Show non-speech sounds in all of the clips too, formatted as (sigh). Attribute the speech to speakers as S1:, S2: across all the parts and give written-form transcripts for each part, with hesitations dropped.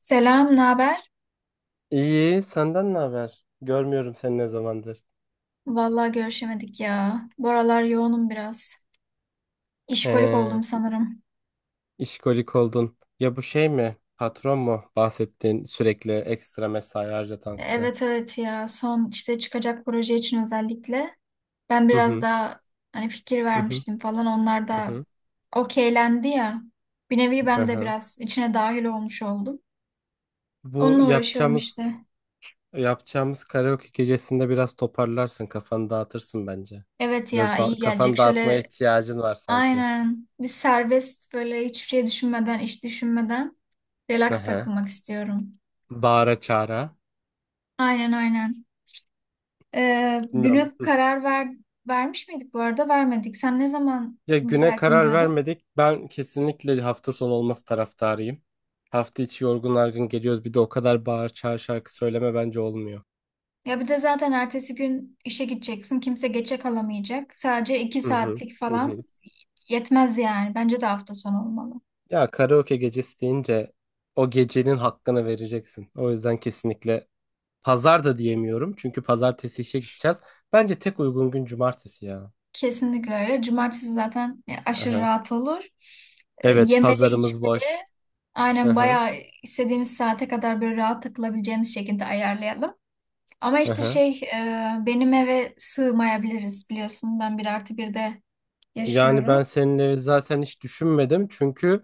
S1: Selam, ne haber?
S2: İyi, senden ne haber? Görmüyorum seni ne zamandır.
S1: Vallahi görüşemedik ya. Bu aralar yoğunum biraz. İşkolik
S2: He,
S1: oldum sanırım.
S2: işkolik oldun. Ya bu şey mi? Patron mu? Bahsettiğin sürekli ekstra mesai harcatan size.
S1: Evet evet ya. Son işte çıkacak proje için özellikle. Ben
S2: Hı
S1: biraz
S2: hı,
S1: daha hani fikir
S2: hı hı,
S1: vermiştim falan. Onlar
S2: hı
S1: da
S2: hı.
S1: okeylendi ya. Bir nevi
S2: Hı
S1: ben de
S2: hı.
S1: biraz içine dahil olmuş oldum.
S2: Bu
S1: Onunla uğraşıyorum
S2: yapacağımız
S1: işte.
S2: yapacağımız karaoke gecesinde biraz toparlarsın, kafanı dağıtırsın bence.
S1: Evet
S2: Biraz
S1: ya
S2: da
S1: iyi gelecek.
S2: kafanı dağıtmaya
S1: Şöyle
S2: ihtiyacın var sanki.
S1: aynen bir serbest böyle hiçbir şey düşünmeden, iş düşünmeden
S2: Hı
S1: relax
S2: hı.
S1: takılmak istiyorum.
S2: Bağıra çağıra.
S1: Aynen aynen.
S2: Bilmiyorum.
S1: Güne karar ver, vermiş miydik bu arada? Vermedik. Sen ne zaman
S2: Ya güne
S1: müsaitim
S2: karar
S1: diyordun?
S2: vermedik. Ben kesinlikle hafta sonu olması taraftarıyım. Hafta içi yorgun argın geliyoruz. Bir de o kadar bağır çağır şarkı söyleme bence olmuyor.
S1: Ya bir de zaten ertesi gün işe gideceksin. Kimse geçe kalamayacak. Sadece iki
S2: Hı hı.
S1: saatlik
S2: Hı
S1: falan
S2: hı.
S1: yetmez yani. Bence de hafta sonu olmalı.
S2: Ya karaoke gecesi deyince o gecenin hakkını vereceksin. O yüzden kesinlikle pazar da diyemiyorum. Çünkü pazartesi işe gideceğiz. Bence tek uygun gün cumartesi ya.
S1: Kesinlikle öyle. Cumartesi zaten aşırı
S2: Aha.
S1: rahat olur.
S2: Evet,
S1: Yemeli içme.
S2: pazarımız boş.
S1: Aynen
S2: Aha.
S1: bayağı istediğimiz saate kadar böyle rahat takılabileceğimiz şekilde ayarlayalım. Ama işte
S2: Aha.
S1: benim eve sığmayabiliriz biliyorsun. Ben bir artı bir de
S2: Yani
S1: yaşıyorum.
S2: ben seninle zaten hiç düşünmedim. Çünkü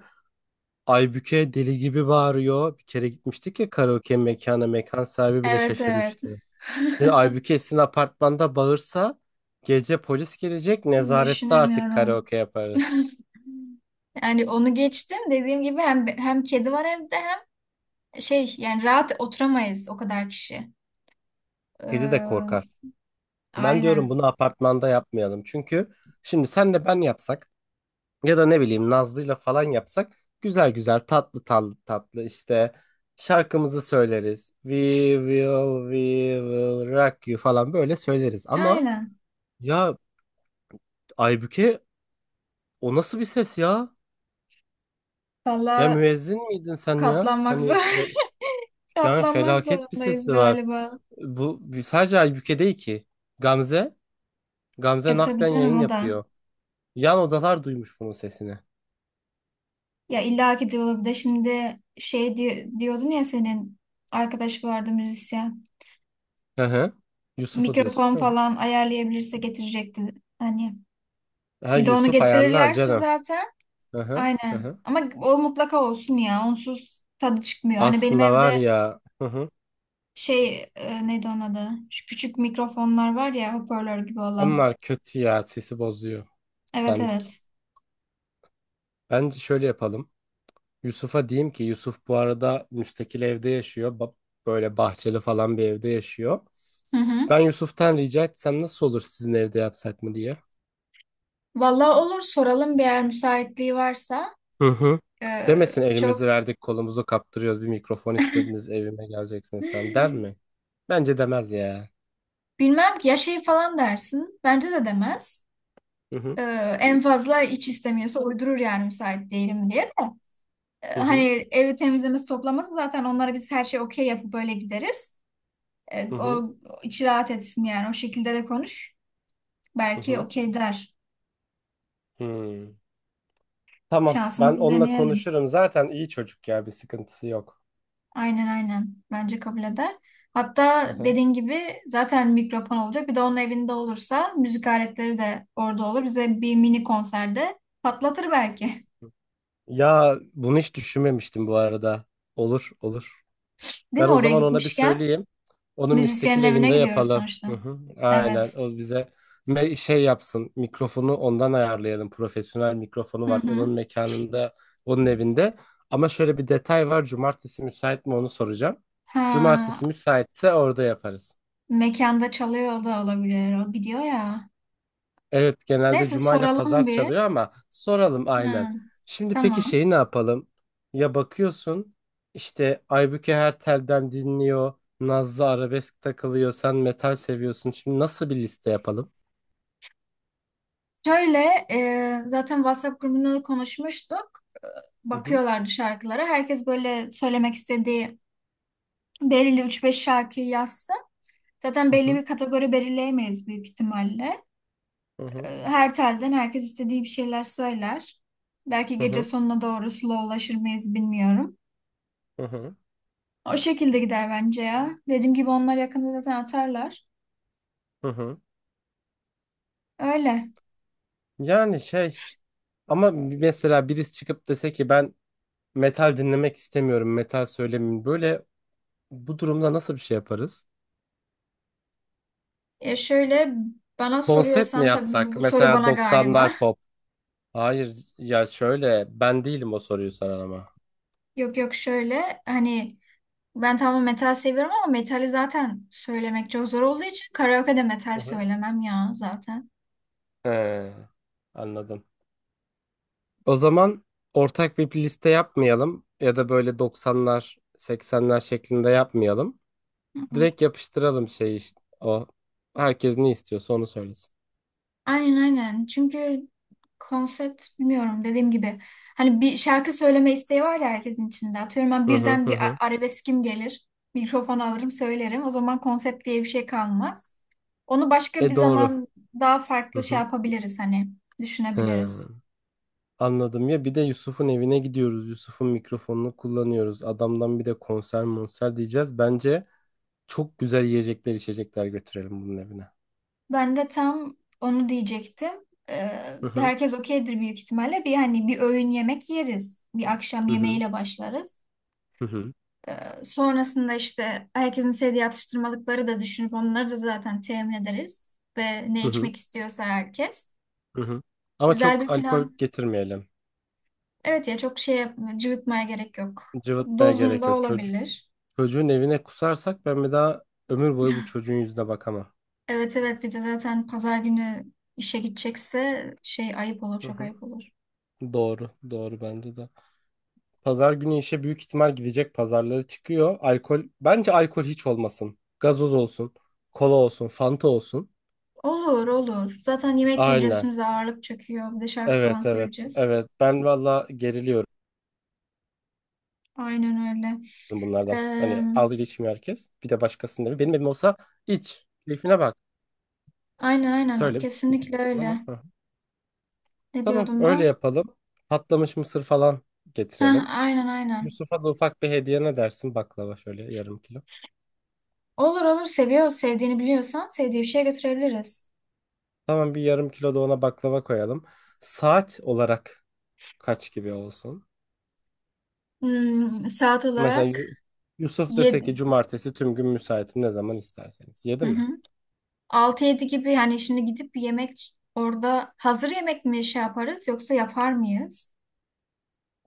S2: Aybüke deli gibi bağırıyor. Bir kere gitmiştik ya karaoke mekana. Mekan sahibi bile
S1: Evet evet.
S2: şaşırmıştı. Şimdi Aybüke sizin apartmanda bağırsa gece polis gelecek, nezarette artık
S1: Düşünemiyorum.
S2: karaoke yaparız.
S1: (laughs) Yani onu geçtim. Dediğim gibi hem kedi var evde hem şey yani rahat oturamayız o kadar kişi.
S2: Kedi de
S1: Ee,
S2: korkar. Ben diyorum
S1: aynen.
S2: bunu apartmanda yapmayalım. Çünkü şimdi senle ben yapsak ya da ne bileyim Nazlı'yla falan yapsak güzel güzel tatlı tatlı tatlı işte şarkımızı söyleriz. We will, we will rock you falan böyle söyleriz ama
S1: Aynen.
S2: ya Aybüke... O nasıl bir ses ya? Ya
S1: Valla
S2: müezzin miydin sen ya?
S1: katlanmak zor. (laughs)
S2: Yani
S1: Katlanmak
S2: felaket bir
S1: zorundayız
S2: sesi var.
S1: galiba.
S2: Sadece Aybüke değil ki. Gamze, Gamze
S1: E tabii
S2: naklen
S1: canım
S2: yayın
S1: o da.
S2: yapıyor. Yan odalar duymuş bunun sesini.
S1: Ya illa ki diyor bir de şimdi diyordun ya senin arkadaş vardı müzisyen.
S2: Hı hı. Yusuf'u diyorsun.
S1: Mikrofon
S2: Hı hı.
S1: falan ayarlayabilirse getirecekti. Hani
S2: Ha,
S1: bir de onu
S2: Yusuf ayarlar
S1: getirirlerse
S2: canım.
S1: zaten
S2: Hı hı. Hı
S1: aynen.
S2: hı.
S1: Ama o mutlaka olsun ya. Onsuz tadı çıkmıyor. Hani benim
S2: Aslında var
S1: evde
S2: ya. Hı hı.
S1: neydi onun adı? Şu küçük mikrofonlar var ya hoparlör gibi olan.
S2: Onlar kötü ya, sesi bozuyor.
S1: Evet
S2: Dandik.
S1: evet.
S2: Bence şöyle yapalım. Yusuf'a diyeyim ki Yusuf bu arada müstakil evde yaşıyor. Böyle bahçeli falan bir evde yaşıyor.
S1: Hı hı.
S2: Ben Yusuf'tan rica etsem nasıl olur sizin evde yapsak mı diye.
S1: Vallahi olur soralım bir yer müsaitliği varsa.
S2: Hı hı. Demesin elimizi
S1: Çok
S2: verdik kolumuzu kaptırıyoruz, bir mikrofon istediniz evime geleceksin sen der mi?
S1: (gasps)
S2: Bence demez ya.
S1: bilmem ki ya şey falan dersin. Bence de demez.
S2: Hı hı
S1: E, en fazla iç istemiyorsa uydurur yani müsait değilim diye de.
S2: hı hı
S1: Hani evi temizlemesi toplaması zaten onlara biz her şey okey yapıp böyle gideriz. E,
S2: hı hı.
S1: o, içi rahat etsin yani. O şekilde de konuş.
S2: Hı
S1: Belki
S2: hı.
S1: okey der.
S2: Hmm. Tamam, ben
S1: Şansımızı
S2: onunla
S1: deneyelim.
S2: konuşurum zaten iyi çocuk ya bir sıkıntısı yok.
S1: Aynen aynen. Bence kabul eder.
S2: Hı
S1: Hatta
S2: hı.
S1: dediğin gibi zaten mikrofon olacak. Bir de onun evinde olursa müzik aletleri de orada olur. Bize bir mini konserde patlatır belki.
S2: Ya bunu hiç düşünmemiştim bu arada. Olur olur.
S1: Değil
S2: Ben
S1: mi
S2: o
S1: oraya
S2: zaman ona bir
S1: gitmişken?
S2: söyleyeyim. Onu müstakil
S1: Müzisyenin evine
S2: evinde
S1: gidiyoruz
S2: yapalım. Hı
S1: sonuçta.
S2: hı. Aynen.
S1: Evet.
S2: O bize şey yapsın. Mikrofonu ondan ayarlayalım. Profesyonel mikrofonu
S1: Hı
S2: var. Onun
S1: hı.
S2: mekanında, onun evinde. Ama şöyle bir detay var. Cumartesi müsait mi onu soracağım. Cumartesi
S1: Ha,
S2: müsaitse orada yaparız.
S1: mekanda çalıyor da olabilir. O gidiyor ya.
S2: Evet, genelde
S1: Neyse
S2: cuma ile
S1: soralım
S2: pazar
S1: bir.
S2: çalıyor ama soralım aynen.
S1: Hı,
S2: Şimdi peki
S1: tamam.
S2: şeyi ne yapalım? Ya bakıyorsun işte Aybüke her telden dinliyor. Nazlı arabesk takılıyor. Sen metal seviyorsun. Şimdi nasıl bir liste yapalım?
S1: Şöyle zaten WhatsApp grubunda da konuşmuştuk.
S2: Hı hı
S1: Bakıyorlardı şarkılara. Herkes böyle söylemek istediği belirli üç beş şarkıyı yazsın. Zaten belli
S2: hı
S1: bir kategori belirleyemeyiz büyük ihtimalle.
S2: hı hı
S1: Her telden herkes istediği bir şeyler söyler. Belki
S2: hı hı
S1: gece
S2: hı
S1: sonuna doğru slowlaşır mıyız bilmiyorum.
S2: hı hı.
S1: O şekilde gider bence ya. Dediğim gibi onlar yakında zaten atarlar.
S2: Hı hı.
S1: Öyle.
S2: Yani şey ama mesela birisi çıkıp dese ki ben metal dinlemek istemiyorum. Metal söylemeyin. Böyle bu durumda nasıl bir şey yaparız?
S1: Şöyle bana
S2: Konsept mi
S1: soruyorsan tabii bu, bu
S2: yapsak?
S1: bu soru
S2: Mesela
S1: bana galiba.
S2: 90'lar pop. Hayır ya şöyle ben değilim o soruyu soran ama.
S1: (laughs) Yok yok şöyle hani ben tamam metal seviyorum ama metali zaten söylemek çok zor olduğu için karaoke'de
S2: Hı
S1: metal
S2: hı.
S1: söylemem ya zaten.
S2: He, anladım. O zaman ortak bir liste yapmayalım ya da böyle 90'lar, 80'ler şeklinde yapmayalım.
S1: Hı hı.
S2: Direkt yapıştıralım şey işte o. Herkes ne istiyorsa onu söylesin.
S1: Aynen aynen. Çünkü konsept bilmiyorum dediğim gibi. Hani bir şarkı söyleme isteği var ya herkesin içinde. Atıyorum ben
S2: Hı hı
S1: birden
S2: hı hı.
S1: arabeskim gelir. Mikrofon alırım söylerim. O zaman konsept diye bir şey kalmaz. Onu başka bir
S2: E doğru.
S1: zaman daha
S2: Hı
S1: farklı şey
S2: hı.
S1: yapabiliriz hani düşünebiliriz.
S2: He, anladım ya bir de Yusuf'un evine gidiyoruz. Yusuf'un mikrofonunu kullanıyoruz. Adamdan bir de konser monser diyeceğiz. Bence çok güzel yiyecekler içecekler götürelim bunun evine.
S1: Ben de tam onu diyecektim.
S2: Hı hı.
S1: Herkes okeydir büyük ihtimalle. Bir hani bir öğün yemek yeriz. Bir akşam
S2: Hı hı,
S1: yemeğiyle başlarız.
S2: hı hı,
S1: Ee, sonrasında işte herkesin sevdiği atıştırmalıkları da düşünüp onları da zaten temin ederiz. Ve
S2: hı
S1: ne
S2: hı,
S1: içmek istiyorsa herkes.
S2: hı hı. Ama
S1: Güzel
S2: çok
S1: bir
S2: alkol
S1: plan.
S2: getirmeyelim.
S1: Evet ya çok cıvıtmaya gerek yok.
S2: Cıvıtmaya gerek
S1: Dozunda
S2: yok.
S1: olabilir.
S2: Çocuğun evine kusarsak ben bir daha ömür boyu bu çocuğun yüzüne bakamam.
S1: Evet evet bir de zaten pazar günü işe gidecekse şey ayıp olur
S2: Hı
S1: çok
S2: hı.
S1: ayıp olur.
S2: Doğru, doğru bence de. Pazar günü işe büyük ihtimal gidecek. Pazarları çıkıyor. Alkol, bence alkol hiç olmasın. Gazoz olsun, kola olsun, fanta olsun.
S1: Olur olur. Zaten yemek yiyince
S2: Aynen.
S1: üstümüze ağırlık çöküyor. Bir de şarkı falan
S2: Evet, evet,
S1: söyleyeceğiz.
S2: evet. Ben valla geriliyorum
S1: Aynen öyle.
S2: bunlardan.
S1: Eee,
S2: Hani ağzıyla içmiyor herkes. Bir de başkasının evi. Benim evim olsa iç. Keyfine bak.
S1: aynen aynen.
S2: Söyle bir şey
S1: Kesinlikle
S2: diyecektin ama.
S1: öyle.
S2: Hı. Hı.
S1: Ne
S2: Tamam,
S1: diyordum
S2: öyle
S1: ben?
S2: yapalım. Patlamış mısır falan
S1: Heh,
S2: getirelim.
S1: aynen aynen.
S2: Yusuf'a da ufak bir hediye ne dersin? Baklava şöyle yarım kilo.
S1: Olur olur. Seviyor. Sevdiğini biliyorsan sevdiği bir şeye götürebiliriz.
S2: Tamam, bir yarım kilo da ona baklava koyalım. Saat olarak kaç gibi olsun?
S1: Saat
S2: Mesela
S1: olarak
S2: Yu- Yusuf dese
S1: 7,
S2: ki cumartesi tüm gün müsaitim ne zaman isterseniz. Yedi mi?
S1: 6-7 gibi yani şimdi gidip bir yemek orada hazır yemek mi şey yaparız yoksa yapar mıyız?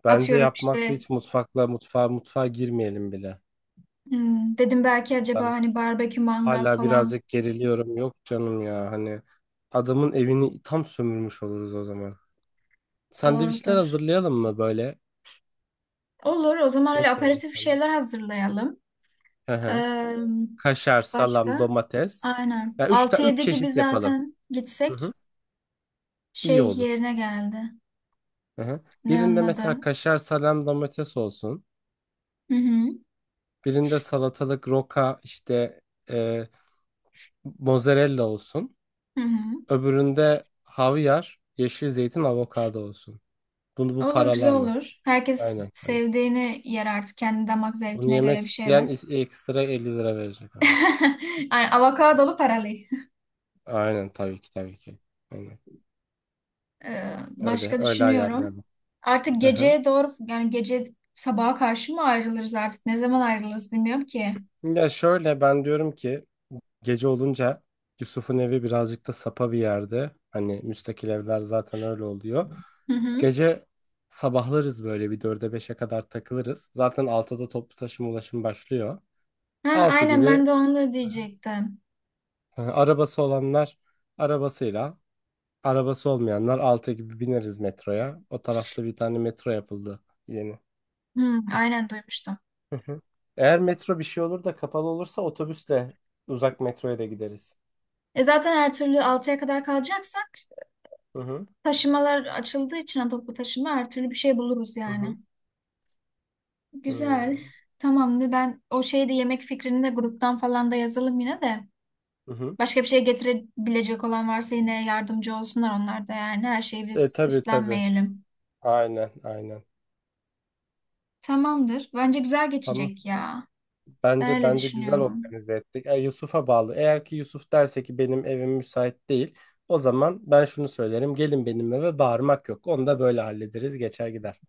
S2: Bence
S1: Atıyorum
S2: yapmakla
S1: işte
S2: hiç mutfakla mutfağa girmeyelim bile.
S1: dedim belki acaba
S2: Ben
S1: hani barbekü mangal
S2: hala
S1: falan
S2: birazcık geriliyorum. Yok canım ya hani adamın evini tam sömürmüş oluruz o zaman. Sandviçler
S1: doğrudur.
S2: hazırlayalım mı böyle?
S1: Olur. O zaman öyle
S2: Nasıl olur
S1: aperatif
S2: sandviç?
S1: şeyler hazırlayalım.
S2: Hı hı.
S1: Ee,
S2: Kaşar, salam,
S1: başka?
S2: domates.
S1: Aynen.
S2: Ya üç, ta
S1: Altı
S2: üç
S1: yedi gibi
S2: çeşit yapalım.
S1: zaten
S2: Hı
S1: gitsek
S2: hı. İyi
S1: şey
S2: olur.
S1: yerine geldi.
S2: Hı hı.
S1: Ne onun
S2: Birinde
S1: adı?
S2: mesela kaşar, salam, domates olsun.
S1: Hı hı.
S2: Birinde salatalık, roka, işte e, mozzarella olsun.
S1: Hı hı.
S2: Öbüründe havyar, yeşil zeytin, avokado olsun. Bunu bu
S1: Olur güzel
S2: paralama.
S1: olur. Herkes
S2: Aynen.
S1: sevdiğini yer artık. Kendi damak
S2: Bunu
S1: zevkine göre
S2: yemek
S1: bir
S2: isteyen
S1: şeyler.
S2: ekstra 50 TL verecek ama.
S1: (laughs) Yani avokadolu paralı.
S2: Aynen tabii ki tabii ki. Aynen. Öyle
S1: Başka
S2: öyle
S1: düşünüyorum.
S2: ayarlayalım.
S1: Artık
S2: Aha.
S1: geceye doğru yani gece sabaha karşı mı ayrılırız artık? Ne zaman ayrılırız bilmiyorum ki.
S2: Ya şöyle ben diyorum ki gece olunca Yusuf'un evi birazcık da sapa bir yerde. Hani müstakil evler zaten öyle oluyor.
S1: Hı hı.
S2: Gece sabahlarız böyle bir dörde beşe kadar takılırız. Zaten 6'da toplu taşıma ulaşım başlıyor.
S1: Heh,
S2: 6
S1: aynen
S2: gibi
S1: ben de onu diyecektim.
S2: arabası olanlar arabasıyla, arabası olmayanlar 6 gibi bineriz metroya. O tarafta bir tane metro yapıldı yeni.
S1: Hı, aynen duymuştum.
S2: Hı hı. Eğer metro bir şey olur da kapalı olursa otobüsle uzak metroya da gideriz.
S1: E zaten her türlü 6'ya kadar kalacaksak
S2: Hı hı.
S1: taşımalar açıldığı için ha, toplu taşıma her türlü bir şey buluruz
S2: Hı hı.
S1: yani. Güzel.
S2: Hmm.
S1: Tamamdır. Ben o şeyi de yemek fikrini de gruptan falan da yazalım yine de.
S2: Hı hı.
S1: Başka bir şey getirebilecek olan varsa yine yardımcı olsunlar onlar da yani. Her şeyi
S2: E
S1: biz
S2: tabii tabii.
S1: üstlenmeyelim.
S2: Aynen aynen.
S1: Tamamdır. Bence güzel
S2: Tamam.
S1: geçecek ya. Ben
S2: Bence
S1: öyle
S2: bence güzel
S1: düşünüyorum.
S2: organize ettik. Yusuf'a bağlı. Eğer ki Yusuf derse ki benim evim müsait değil, o zaman ben şunu söylerim. Gelin benim eve, bağırmak yok. Onu da böyle hallederiz, geçer gider.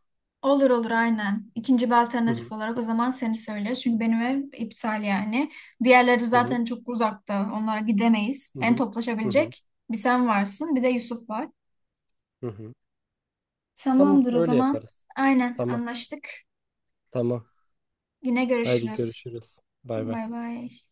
S1: Olur olur aynen. İkinci bir
S2: Hı hı.
S1: alternatif olarak o zaman seni söyle. Çünkü benim ev iptal yani. Diğerleri
S2: Hı hı.
S1: zaten çok uzakta. Onlara gidemeyiz.
S2: Hı
S1: En
S2: hı. Hı hı.
S1: toplaşabilecek bir sen varsın, bir de Yusuf var.
S2: Hı hı. Tamam,
S1: Tamamdır o
S2: öyle
S1: zaman.
S2: yaparız.
S1: Aynen
S2: Tamam.
S1: anlaştık.
S2: Tamam.
S1: Yine
S2: Haydi
S1: görüşürüz.
S2: görüşürüz. Bay bay.
S1: Bay bay.